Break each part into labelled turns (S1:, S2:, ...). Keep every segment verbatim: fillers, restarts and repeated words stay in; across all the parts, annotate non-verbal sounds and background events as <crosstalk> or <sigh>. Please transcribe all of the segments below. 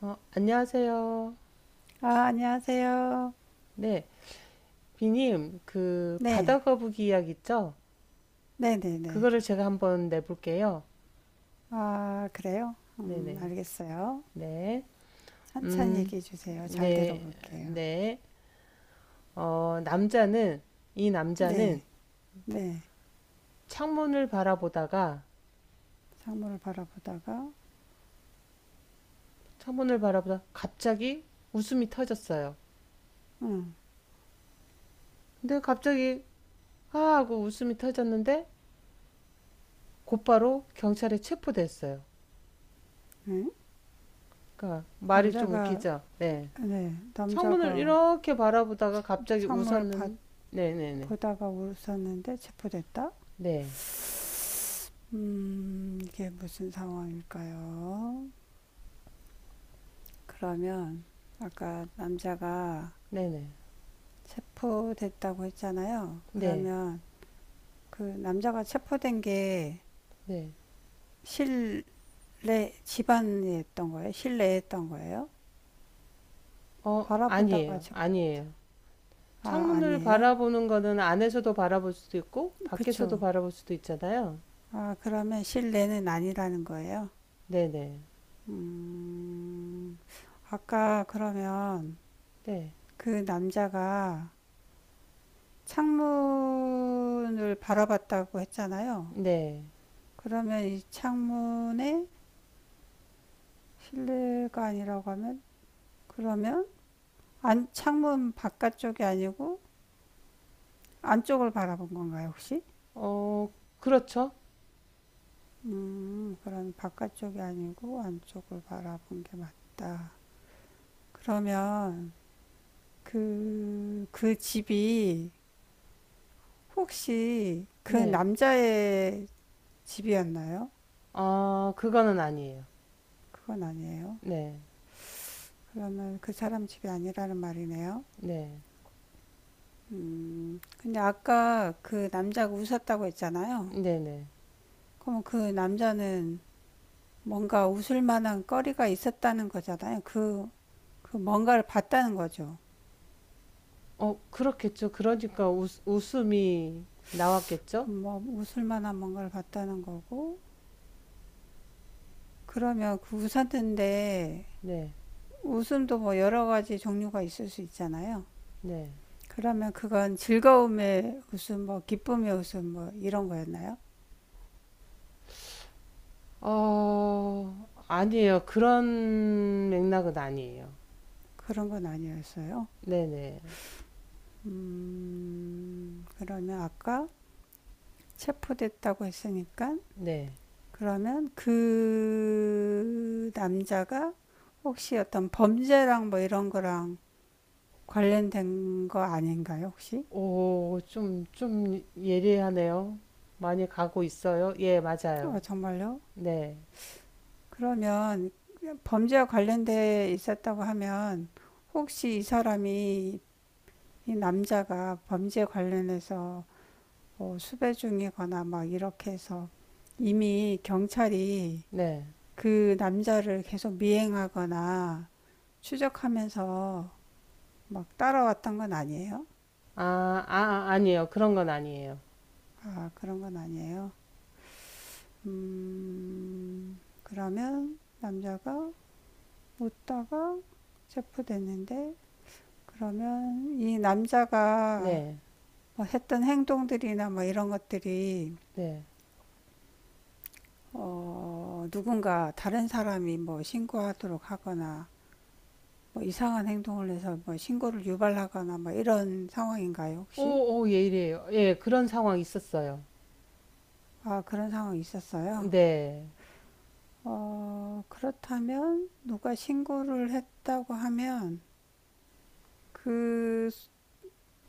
S1: 어, 안녕하세요.
S2: 아, 안녕하세요.
S1: 네, 비님, 그
S2: 네,
S1: 바다 거북이 이야기 있죠?
S2: 네네네.
S1: 그거를 제가 한번 내볼게요.
S2: 아, 그래요? 음,
S1: 네네,
S2: 알겠어요.
S1: 네,
S2: 천천히
S1: 음,
S2: 얘기해 주세요. 잘
S1: 네,
S2: 들어볼게요.
S1: 네. 어, 남자는 이 남자는
S2: 네, 네.
S1: 창문을 바라보다가
S2: 상물을 바라보다가,
S1: 창문을 바라보다 갑자기 웃음이 터졌어요.
S2: 음,
S1: 근데 갑자기 아 하고 웃음이 터졌는데 곧바로 경찰에 체포됐어요.
S2: 네.
S1: 그러니까 말이 좀
S2: 남자가,
S1: 웃기죠? 네.
S2: 네,
S1: 창문을
S2: 남자가
S1: 이렇게 바라보다가 갑자기
S2: 상물을 봐-
S1: 웃었는. 네네네.
S2: 보다가 울었었는데 체포됐다?
S1: 네.
S2: 음, 이게 무슨 상황일까요? 그러면, 아까 남자가
S1: 네네.
S2: 체포됐다고 했잖아요. 그러면, 그 남자가 체포된 게
S1: 네네어.
S2: 실내 집안이 했던 거예요? 실내에 했던 거예요? 바라보다가
S1: 아니에요,
S2: 저-
S1: 아니에요.
S2: 아,
S1: 창문을
S2: 아니에요?
S1: 바라보는 거는 안에서도 바라볼 수도 있고 밖에서도
S2: 그쵸.
S1: 바라볼 수도 있잖아요.
S2: 아, 그러면 실내는 아니라는 거예요?
S1: 네네.
S2: 음, 아까 그러면 그 남자가 창문을 바라봤다고 했잖아요.
S1: 네네어.
S2: 그러면 이 창문에 실내가 아니라고 하면 그러면 안, 창문 바깥쪽이 아니고 안쪽을 바라본 건가요, 혹시?
S1: 그렇죠.
S2: 음, 그런 바깥쪽이 아니고 안쪽을 바라본 게 맞다. 그러면 그, 그 집이 혹시 그
S1: 네아.
S2: 남자의 집이었나요?
S1: 그거는 아니에요.
S2: 그건 아니에요. 그러면 그 사람 집이 아니라는 말이네요.
S1: 네네.
S2: 근데 아까 그 남자가 웃었다고 했잖아요.
S1: 네네.
S2: 그러면 그 남자는 뭔가 웃을 만한 거리가 있었다는 거잖아요. 그, 그 뭔가를 봤다는 거죠.
S1: 어 그렇겠죠. 그러니까 웃, 웃음이 나왔겠죠.
S2: 뭐 웃을 만한 뭔가를 봤다는 거고, 그러면 그 우산인데
S1: 네네.
S2: 웃음도 뭐 여러 가지 종류가 있을 수 있잖아요. 그러면 그건 즐거움의 웃음, 뭐 기쁨의 웃음, 뭐 이런 거였나요?
S1: 어, 아니에요. 그런 맥락은 아니에요.
S2: 그런 건 아니었어요.
S1: 네네.
S2: 음, 그러면 아까 체포됐다고 했으니까
S1: 네.
S2: 그러면 그 남자가 혹시 어떤 범죄랑 뭐 이런 거랑 관련된 거 아닌가요, 혹시?
S1: 오, 좀, 좀 예리하네요. 많이 가고 있어요? 예, 맞아요.
S2: 어, 정말요?
S1: 네.
S2: 그러면 범죄와 관련돼 있었다고 하면 혹시 이 사람이 이 남자가 범죄 관련해서 뭐 수배 중이거나 막 이렇게 해서 이미 경찰이
S1: 네.
S2: 그 남자를 계속 미행하거나 추적하면서 막 따라왔던 건 아니에요?
S1: 아, 아, 아니에요. 그런 건 아니에요.
S2: 아, 그런 건 아니에요. 음, 그러면 남자가 웃다가 체포됐는데 그러면 이 남자가
S1: 네.
S2: 뭐 했던 행동들이나 뭐 이런 것들이
S1: 네.
S2: 어, 누군가 다른 사람이 뭐 신고하도록 하거나 뭐 이상한 행동을 해서 뭐 신고를 유발하거나 뭐 이런 상황인가요,
S1: 오,
S2: 혹시?
S1: 오, 예리해요. 예, 그런 상황 있었어요.
S2: 아, 그런 상황이 있었어요.
S1: 네.
S2: 어, 그렇다면 누가 신고를 했다고 하면 그,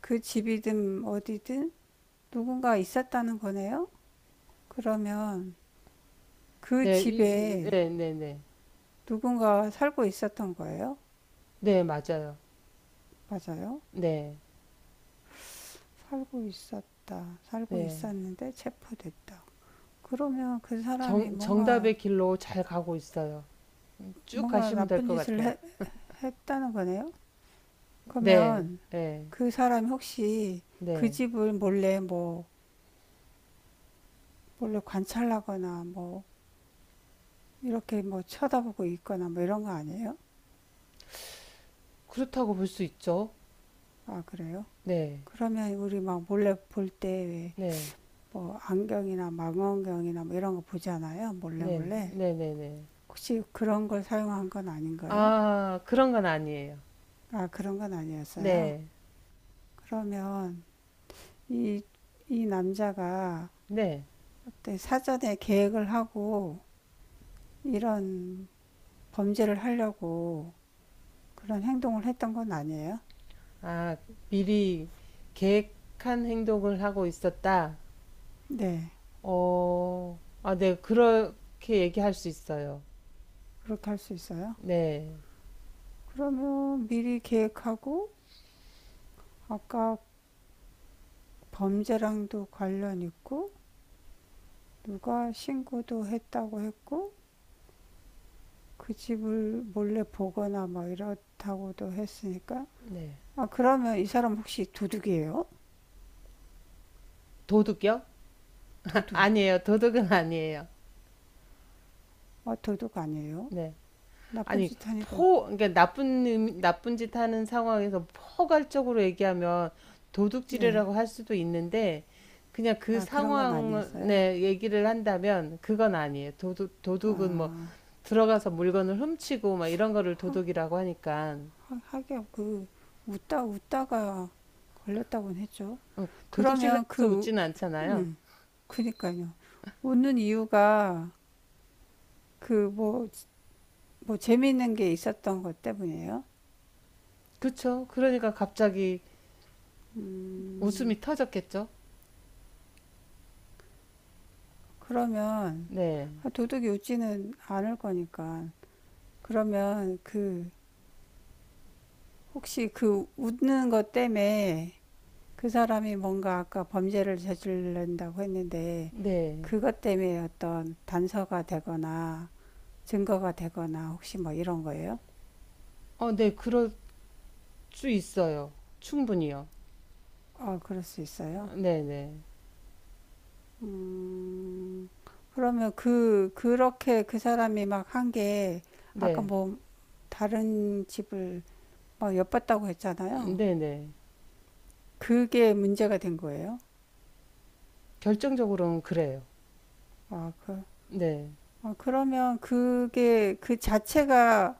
S2: 그 집이든 어디든 누군가 있었다는 거네요? 그러면 그
S1: 네, 이, 이-
S2: 집에
S1: 네, 네, 네.
S2: 누군가 살고 있었던 거예요?
S1: 네, 맞아요.
S2: 맞아요.
S1: 네.
S2: 살고 있었다. 살고
S1: 네.
S2: 있었는데 체포됐다. 그러면 그 사람이
S1: 정,
S2: 뭔가,
S1: 정답의 길로 잘 가고 있어요. 쭉
S2: 뭔가
S1: 가시면 될
S2: 나쁜
S1: 것
S2: 짓을
S1: 같아요.
S2: 해- 했다는 거네요?
S1: 네.
S2: 그러면
S1: 네.
S2: 그 사람이 혹시 그
S1: 네.
S2: 집을 몰래 뭐, 몰래 관찰하거나 뭐, 이렇게 뭐 쳐다보고 있거나 뭐 이런 거 아니에요?
S1: 그렇다고 볼 수 있죠.
S2: 아, 그래요?
S1: 네.
S2: 그러면 우리 막 몰래 볼 때 왜
S1: 네.
S2: 뭐 안경이나 망원경이나 뭐 이런 거 보잖아요. 몰래
S1: 네.
S2: 몰래.
S1: 네네네.
S2: 혹시 그런 걸 사용한 건 아닌가요?
S1: 아, 그런 건 아니에요.
S2: 아, 그런 건 아니었어요.
S1: 네.
S2: 그러면 이, 이 남자가
S1: 네.
S2: 때 사전에 계획을 하고 이런 범죄를 하려고 그런 행동을 했던 건 아니에요?
S1: 아, 미리 계획한 행동을 하고 있었다.
S2: 네,
S1: 어, 아, 네. 그렇게 얘기할 수 있어요.
S2: 그렇게 할 수 있어요.
S1: 네.
S2: 그러면 미리 계획하고 아까 범죄랑도 관련 있고 누가 신고도 했다고 했고 그 집을 몰래 보거나 뭐 이렇다고도 했으니까
S1: 네.
S2: 아, 그러면 이 사람 혹시 도둑이에요?
S1: 도둑이요? <laughs>
S2: 도둑.
S1: 아니에요. 도둑은 아니에요.
S2: 아, 도둑 아니에요?
S1: 네.
S2: 나쁜
S1: 아니,
S2: 짓 하니까,
S1: 포 그러니까 나쁜 의미- 나쁜 짓 하는 상황에서 포괄적으로 얘기하면
S2: 네.
S1: 도둑질이라고 할 수도 있는데 그냥 그
S2: 아, 그런 건 아니었어요?
S1: 상황에 얘기를 한다면 그건 아니에요. 도둑 도둑은 뭐
S2: 아,
S1: 들어가서 물건을 훔치고 막 이런 거를 도둑이라고 하니까.
S2: 하- 긴 그, 웃다, 웃다가 걸렸다고는 했죠.
S1: 어,
S2: 그러면
S1: 도둑질하면서
S2: 그,
S1: 웃지는 않잖아요.
S2: 그니까요. 웃는 이유가 그 뭐, 뭐 재미있는 게 있었던 것 때문이에요?
S1: 그쵸? 그러니까 갑자기
S2: 음,
S1: 웃음이 터졌겠죠?
S2: 그러면,
S1: 네,
S2: 아, 도둑이 웃지는 않을 거니까. 그러면 그, 혹시 그 웃는 것 때문에 그 사람이 뭔가 아까 범죄를 저지른다고 했는데
S1: 네.
S2: 그것 때문에 어떤 단서가 되거나 증거가 되거나 혹시 뭐 이런 거예요?
S1: 어, 네, 그럴 수 있어요. 충분히요.
S2: 어, 그럴 수 있어요.
S1: 네, 네,
S2: 음, 그러면 그, 그렇게 그 사람이 막 한 게 아까
S1: 네.
S2: 뭐 다른 집을 막 엿봤다고
S1: 음,
S2: 했잖아요.
S1: 네네.
S2: 그게 문제가 된 거예요.
S1: 결정적으로는 그래요.
S2: 아, 그,
S1: 네.
S2: 아, 그러면 그게 그 자체가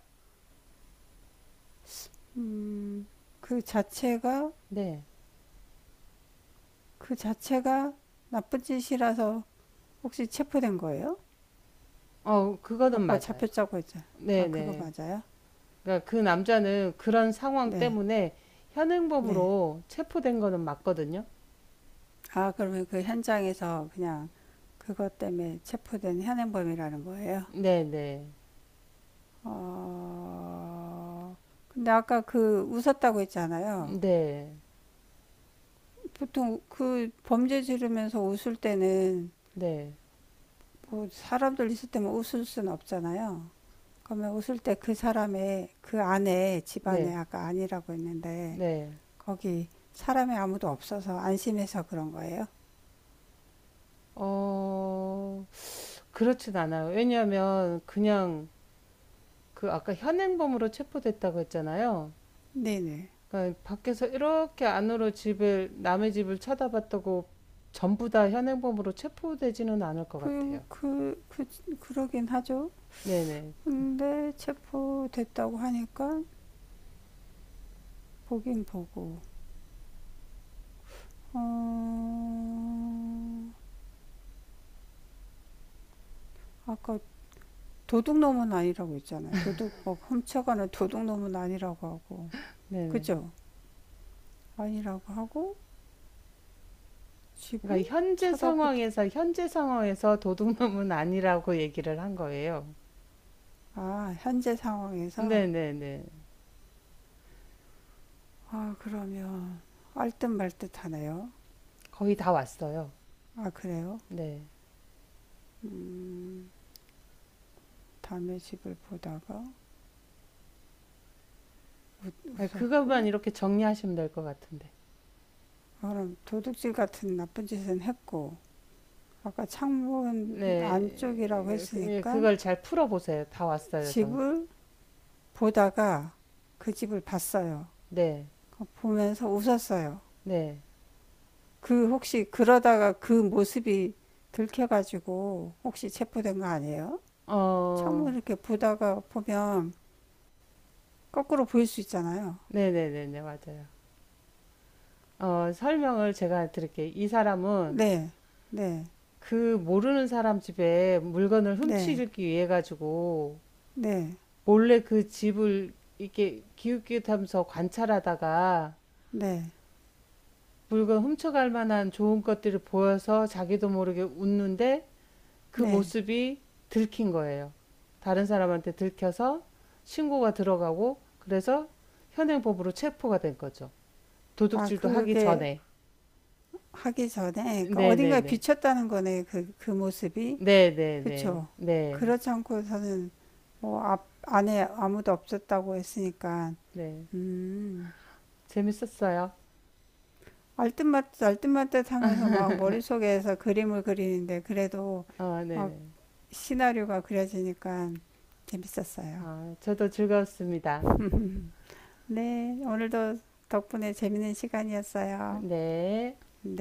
S2: 그 자체가
S1: 네.
S2: 그 자체가 나쁜 짓이라서 혹시 체포된 거예요?
S1: 어, 그거는
S2: 아까
S1: 맞아요.
S2: 잡혔다고 했잖아요. 아, 그거
S1: 네네.
S2: 맞아요?
S1: 그러니까 그 남자는 그런 상황
S2: 네,
S1: 때문에
S2: 네.
S1: 현행범으로 체포된 거는 맞거든요.
S2: 아, 그러면 그 현장에서 그냥 그것 때문에 체포된 현행범이라는 거예요?
S1: 네네.
S2: 어, 근데 아까 그 웃었다고 했잖아요.
S1: 네.
S2: 보통 그 범죄 지르면서 웃을 때는
S1: 네.
S2: 뭐 사람들 있을 때만 웃을 수는 없잖아요. 그러면 웃을 때 그 사람의 그 안에 집안에
S1: 네.
S2: 아까 아니라고 했는데
S1: 네.
S2: 거기 사람이 아무도 없어서 안심해서 그런 거예요?
S1: 어, 그렇진 않아요. 왜냐하면 그냥 그 아까 현행범으로 체포됐다고 했잖아요.
S2: 네네.
S1: 그러니까 밖에서 이렇게 안으로 집을 남의 집을 쳐다봤다고 전부 다 현행범으로 체포되지는 않을 것
S2: 그,
S1: 같아요.
S2: 그, 그, 그러긴 하죠.
S1: 네네. 그-
S2: 근데 체포됐다고 하니까 보긴 보고, 어, 아까 도둑놈은 아니라고 했잖아요. 도둑, 뭐, 훔쳐가는 도둑놈은 아니라고 하고,
S1: 네네.
S2: 그죠? 아니라고 하고, 집은
S1: 그러니까 현재
S2: 쳐다보다.
S1: 상황에서 현재 상황에서 도둑놈은 아니라고 얘기를 한 거예요.
S2: 아, 현재 상황에서?
S1: 네네네.
S2: 아, 그러면, 알듯말듯 하네요.
S1: 거의 다 왔어요.
S2: 아, 그래요?
S1: 네.
S2: 음. 남의 집을 보다가
S1: 그것만
S2: 웃었고
S1: 이렇게 정리하시면 될 것 같은데.
S2: 그럼 도둑질 같은 나쁜 짓은 했고 아까 창문 안쪽이라고
S1: 네. 그- 예,
S2: 했으니까
S1: 그걸 잘 풀어보세요. 다 왔어요, 정답.
S2: 집을 보다가 그 집을 봤어요.
S1: 네.
S2: 그 보면서 웃었어요.
S1: 네.
S2: 그 혹시 그러다가 그 모습이 들켜가지고 혹시 체포된 거 아니에요?
S1: 어,
S2: 창문 이렇게 보다가 보면 거꾸로 보일 수 있잖아요.
S1: 네네네네, 맞아요. 어, 설명을 제가 드릴게요. 이 사람은
S2: 네, 네,
S1: 그 모르는 사람 집에 물건을
S2: 네,
S1: 훔치기 위해 가지고
S2: 네,
S1: 몰래 그 집을 이렇게 기웃기웃하면서 관찰하다가
S2: 네,
S1: 물건 훔쳐갈 만한 좋은 것들을 보여서 자기도 모르게 웃는데 그
S2: 네.
S1: 모습이 들킨 거예요. 다른 사람한테 들켜서 신고가 들어가고 그래서 현행법으로 체포가 된 거죠.
S2: 아,
S1: 도둑질도 하기
S2: 그게
S1: 전에.
S2: 하기 전에 그 어딘가에
S1: 네네네.
S2: 비쳤다는 거네 그, 그 모습이
S1: 네네네.
S2: 그쵸.
S1: 네.
S2: 그렇지 않고서는 뭐 앞, 안에 아무도 없었다고 했으니까
S1: 네.
S2: 음
S1: 재밌었어요.
S2: 알뜻말뜻 알뜻말뜻 하면서 막 머릿속에서 그림을 그리는데 그래도
S1: 어,
S2: 막
S1: 네네.
S2: 시나리오가 그려지니까 재밌었어요.
S1: 어, 저도 즐거웠습니다.
S2: 네, 오늘도 덕분에 재밌는 시간이었어요.
S1: 네.
S2: 네.